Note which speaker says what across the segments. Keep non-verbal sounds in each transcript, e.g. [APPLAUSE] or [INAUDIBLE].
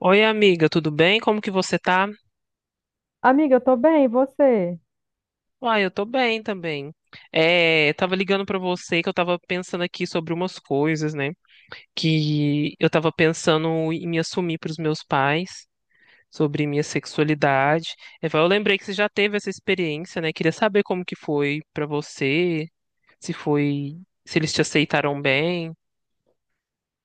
Speaker 1: Oi, amiga, tudo bem? Como que você tá?
Speaker 2: Amiga, eu tô bem, e você?
Speaker 1: Uai, eu tô bem também. É, eu tava ligando pra você que eu tava pensando aqui sobre umas coisas, né? Que eu tava pensando em me assumir pros meus pais, sobre minha sexualidade. Eu falei, eu lembrei que você já teve essa experiência, né? Queria saber como que foi pra você, se foi, se eles te aceitaram bem.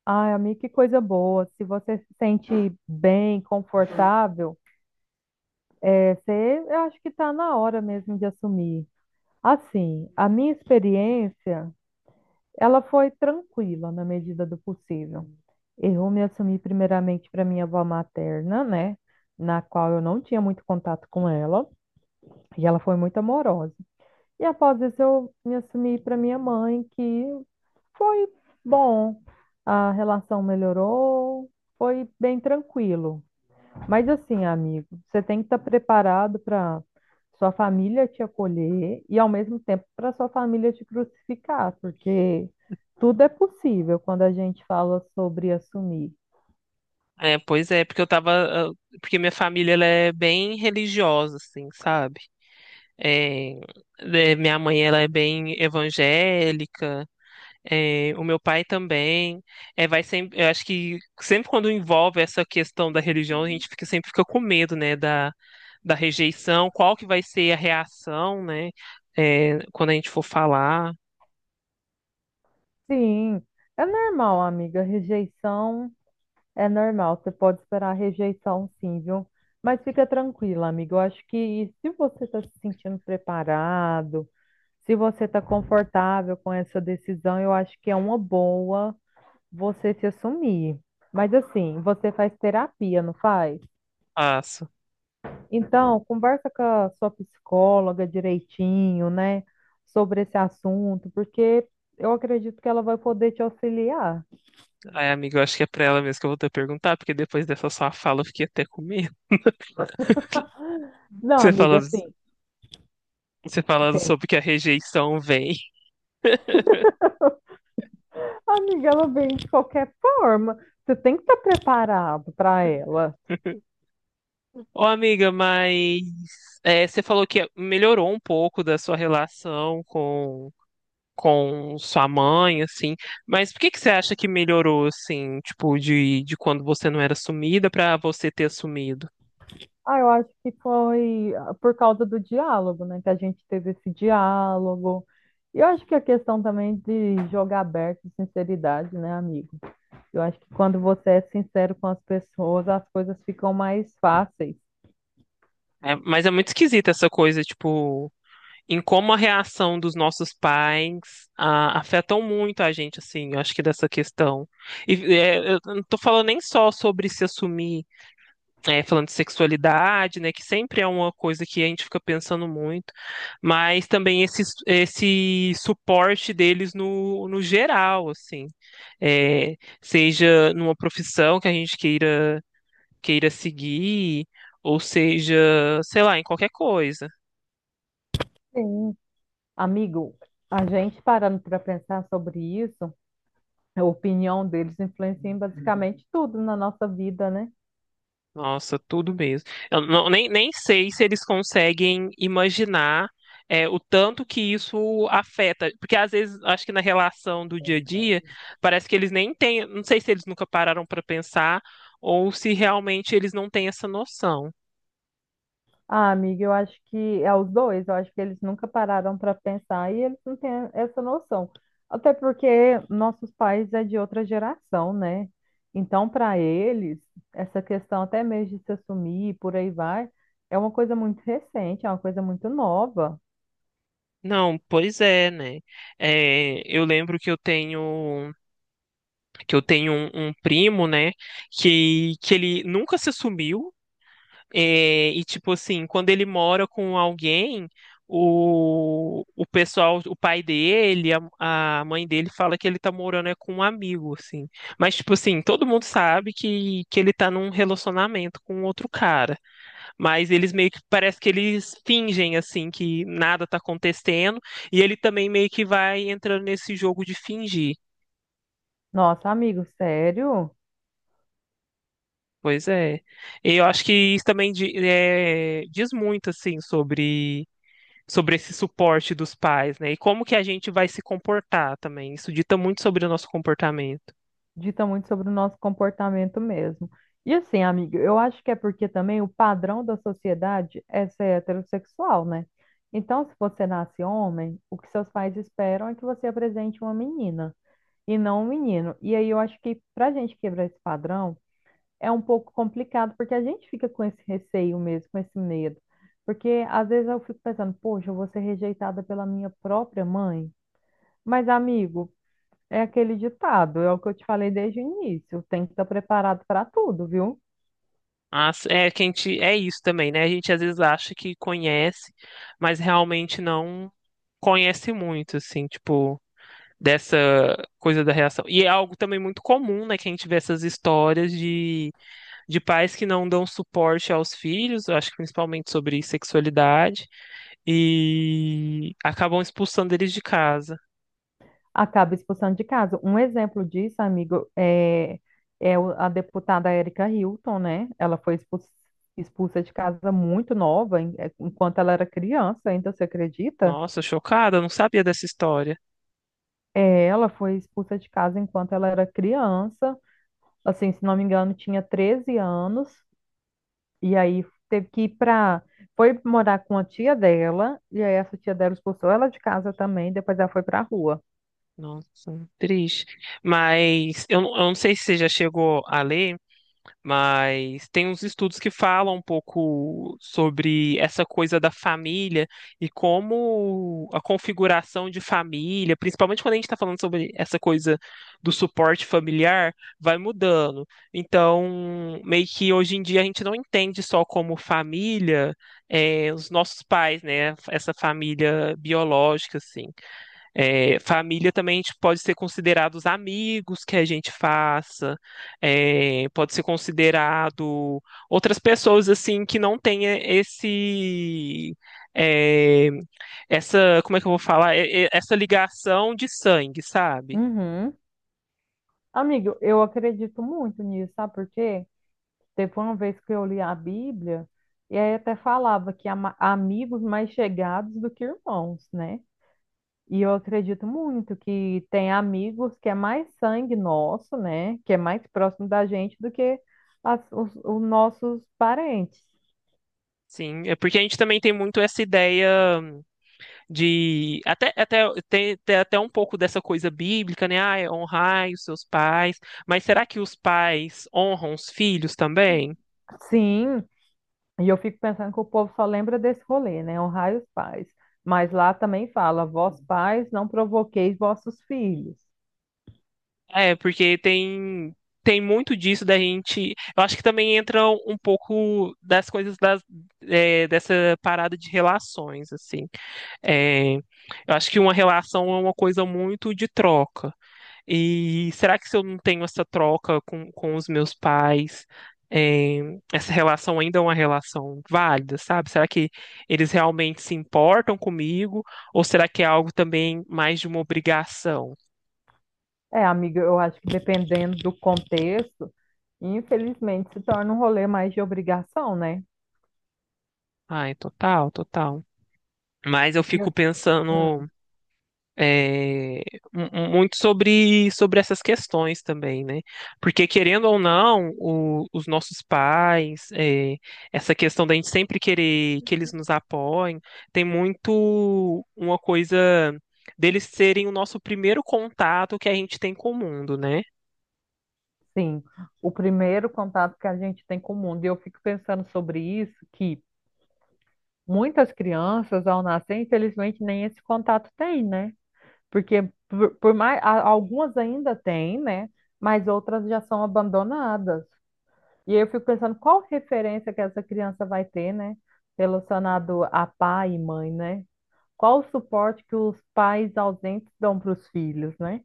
Speaker 2: Ai, amiga, que coisa boa. Se você se sente bem, confortável, você, eu acho que tá na hora mesmo de assumir. Assim, a minha experiência, ela foi tranquila na medida do possível. Eu me assumi primeiramente para minha avó materna, né? Na qual eu não tinha muito contato com ela, e ela foi muito amorosa. E após isso, eu me assumi para minha mãe, que foi bom, a relação melhorou, foi bem tranquilo. Mas assim, amigo, você tem que estar preparado para sua família te acolher e ao mesmo tempo para sua família te crucificar, porque tudo é possível quando a gente fala sobre assumir.
Speaker 1: É, pois é, porque eu tava, ah, porque minha família ela é bem religiosa, assim, sabe? É, né, minha mãe ela é bem evangélica, é, o meu pai também. É, eu acho que sempre quando envolve essa questão da religião, a gente sempre fica com medo, né, da rejeição, qual que vai ser a reação, né, quando a gente for falar.
Speaker 2: Sim, é normal, amiga, rejeição é normal, você pode esperar a rejeição, sim, viu? Mas fica tranquila, amigo. Eu acho que se você está se sentindo preparado, se você está confortável com essa decisão, eu acho que é uma boa você se assumir. Mas assim, você faz terapia, não faz?
Speaker 1: Passo.
Speaker 2: Então, conversa com a sua psicóloga direitinho, né, sobre esse assunto, porque eu acredito que ela vai poder te auxiliar.
Speaker 1: Ai, amiga, eu acho que é pra ela mesmo que eu vou ter que perguntar, porque depois dessa sua fala eu fiquei até com medo. [LAUGHS]
Speaker 2: Não,
Speaker 1: Você fala,
Speaker 2: amiga, assim,
Speaker 1: Você falando
Speaker 2: tem.
Speaker 1: sobre que a rejeição vem.
Speaker 2: Amiga, ela vem de qualquer forma. Você tem que estar preparado para ela.
Speaker 1: Ô, amiga, mas você falou que melhorou um pouco da sua relação com sua mãe, assim. Mas por que que você acha que melhorou, assim, tipo, de quando você não era sumida pra você ter assumido?
Speaker 2: Ah, eu acho que foi por causa do diálogo, né? Que a gente teve esse diálogo. E eu acho que a questão também de jogar aberto e sinceridade, né, amigo? Eu acho que quando você é sincero com as pessoas, as coisas ficam mais fáceis.
Speaker 1: É, mas é muito esquisita essa coisa, tipo, em como a reação dos nossos pais afetam muito a gente, assim, eu acho que dessa questão. E eu não tô falando nem só sobre se assumir falando de sexualidade, né, que sempre é uma coisa que a gente fica pensando muito, mas também esse suporte deles no geral, assim, seja numa profissão que a gente queira seguir, ou seja, sei lá, em qualquer coisa.
Speaker 2: Sim. Amigo, a gente parando para pensar sobre isso, a opinião deles influencia em basicamente tudo na nossa vida, né?
Speaker 1: Nossa, tudo mesmo. Eu nem sei se eles conseguem imaginar o tanto que isso afeta. Porque às vezes, acho que na relação do dia a dia, parece que eles nem têm. Não sei se eles nunca pararam para pensar ou se realmente eles não têm essa noção.
Speaker 2: Ah, amiga, eu acho que é os dois, eu acho que eles nunca pararam para pensar e eles não têm essa noção. Até porque nossos pais é de outra geração, né? Então, para eles, essa questão até mesmo de se assumir e por aí vai, é uma coisa muito recente, é uma coisa muito nova.
Speaker 1: Não, pois é, né? É, eu lembro que eu tenho um primo, né, que ele nunca se assumiu. É, e tipo assim, quando ele mora com alguém, o pai dele, a mãe dele fala que ele tá morando é com um amigo, assim. Mas tipo assim, todo mundo sabe que ele tá num relacionamento com outro cara. Mas eles meio que parece que eles fingem assim que nada tá acontecendo, e ele também meio que vai entrando nesse jogo de fingir.
Speaker 2: Nossa, amigo, sério?
Speaker 1: Pois é. E eu acho que isso também diz muito assim sobre esse suporte dos pais, né? E como que a gente vai se comportar também. Isso dita muito sobre o nosso comportamento.
Speaker 2: Dita muito sobre o nosso comportamento mesmo. E assim, amiga, eu acho que é porque também o padrão da sociedade é ser heterossexual, né? Então, se você nasce homem, o que seus pais esperam é que você apresente uma menina e não um menino. E aí eu acho que para a gente quebrar esse padrão é um pouco complicado, porque a gente fica com esse receio mesmo, com esse medo. Porque às vezes eu fico pensando, poxa, eu vou ser rejeitada pela minha própria mãe. Mas, amigo, é aquele ditado, é o que eu te falei desde o início. Tem que estar preparado para tudo, viu?
Speaker 1: É que é isso também, né? A gente às vezes acha que conhece, mas realmente não conhece muito, assim, tipo, dessa coisa da reação. E é algo também muito comum, né? Que a gente vê essas histórias de pais que não dão suporte aos filhos, eu acho que principalmente sobre sexualidade, e acabam expulsando eles de casa.
Speaker 2: Acaba expulsando de casa. Um exemplo disso, amigo, é a deputada Érica Hilton, né? Ela foi expulsa, expulsa de casa muito nova, enquanto ela era criança, ainda, você acredita?
Speaker 1: Nossa, chocada, eu não sabia dessa história.
Speaker 2: É, ela foi expulsa de casa enquanto ela era criança. Assim, se não me engano, tinha 13 anos. E aí teve que ir pra. Foi morar com a tia dela, e aí essa tia dela expulsou ela de casa também, depois ela foi pra rua.
Speaker 1: Nossa, triste. Mas eu não sei se você já chegou a ler. Mas tem uns estudos que falam um pouco sobre essa coisa da família e como a configuração de família, principalmente quando a gente está falando sobre essa coisa do suporte familiar, vai mudando. Então, meio que hoje em dia a gente não entende só como família, os nossos pais, né? Essa família biológica, assim. É, família também a gente pode ser considerado os amigos que a gente faça, pode ser considerado outras pessoas assim que não tenha, esse é, essa como é que eu vou falar, essa ligação de sangue, sabe?
Speaker 2: Uhum. Amigo, eu acredito muito nisso, sabe por quê? Teve uma vez que eu li a Bíblia, e aí até falava que amigos mais chegados do que irmãos, né? E eu acredito muito que tem amigos que é mais sangue nosso, né? Que é mais próximo da gente do que os nossos parentes.
Speaker 1: Sim, é porque a gente também tem muito essa ideia de até tem até um pouco dessa coisa bíblica, né? Ah, honrai os seus pais, mas será que os pais honram os filhos também?
Speaker 2: Sim, e eu fico pensando que o povo só lembra desse rolê, né? Honrai os pais. Mas lá também fala, vós pais, não provoqueis vossos filhos.
Speaker 1: É, porque tem muito disso da gente. Eu acho que também entra um pouco das coisas dessa parada de relações, assim. É, eu acho que uma relação é uma coisa muito de troca. E será que se eu não tenho essa troca com os meus pais, é, essa relação ainda é uma relação válida, sabe? Será que eles realmente se importam comigo? Ou será que é algo também mais de uma obrigação?
Speaker 2: É, amiga, eu acho que dependendo do contexto, infelizmente se torna um rolê mais de obrigação, né?
Speaker 1: Ai, total, total. Mas eu
Speaker 2: E
Speaker 1: fico
Speaker 2: eu- hum,
Speaker 1: pensando, é, muito sobre essas questões também, né? Porque, querendo ou não, os nossos pais, essa questão da gente sempre querer que eles nos apoiem, tem muito uma coisa deles serem o nosso primeiro contato que a gente tem com o mundo, né?
Speaker 2: sim, o primeiro contato que a gente tem com o mundo. E eu fico pensando sobre isso, que muitas crianças, ao nascer, infelizmente, nem esse contato tem, né? Porque por mais algumas ainda têm, né? Mas outras já são abandonadas. E eu fico pensando qual referência que essa criança vai ter, né? Relacionado a pai e mãe, né? Qual o suporte que os pais ausentes dão para os filhos, né?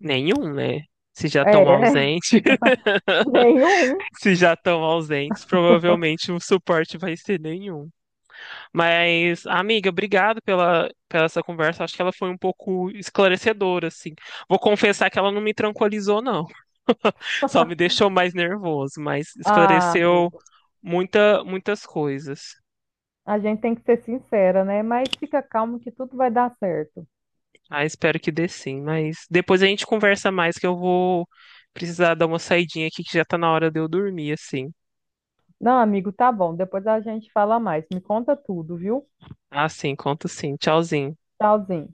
Speaker 1: Nenhum, né? Se já estão
Speaker 2: É, né?
Speaker 1: ausentes, [LAUGHS]
Speaker 2: [LAUGHS] nenhum.
Speaker 1: se já estão ausentes, provavelmente o suporte vai ser nenhum. Mas, amiga, obrigado pela essa conversa. Acho que ela foi um pouco esclarecedora, assim. Vou confessar que ela não me tranquilizou, não. [LAUGHS] Só me deixou mais nervoso, mas
Speaker 2: Ah,
Speaker 1: esclareceu
Speaker 2: amigo,
Speaker 1: muitas coisas.
Speaker 2: a gente tem que ser sincera, né? Mas fica calmo que tudo vai dar certo.
Speaker 1: Ah, espero que dê sim. Mas depois a gente conversa mais, que eu vou precisar dar uma saidinha aqui, que já tá na hora de eu dormir, assim.
Speaker 2: Não, amigo, tá bom. Depois a gente fala mais. Me conta tudo, viu?
Speaker 1: Ah, sim, conto sim. Tchauzinho.
Speaker 2: Tchauzinho.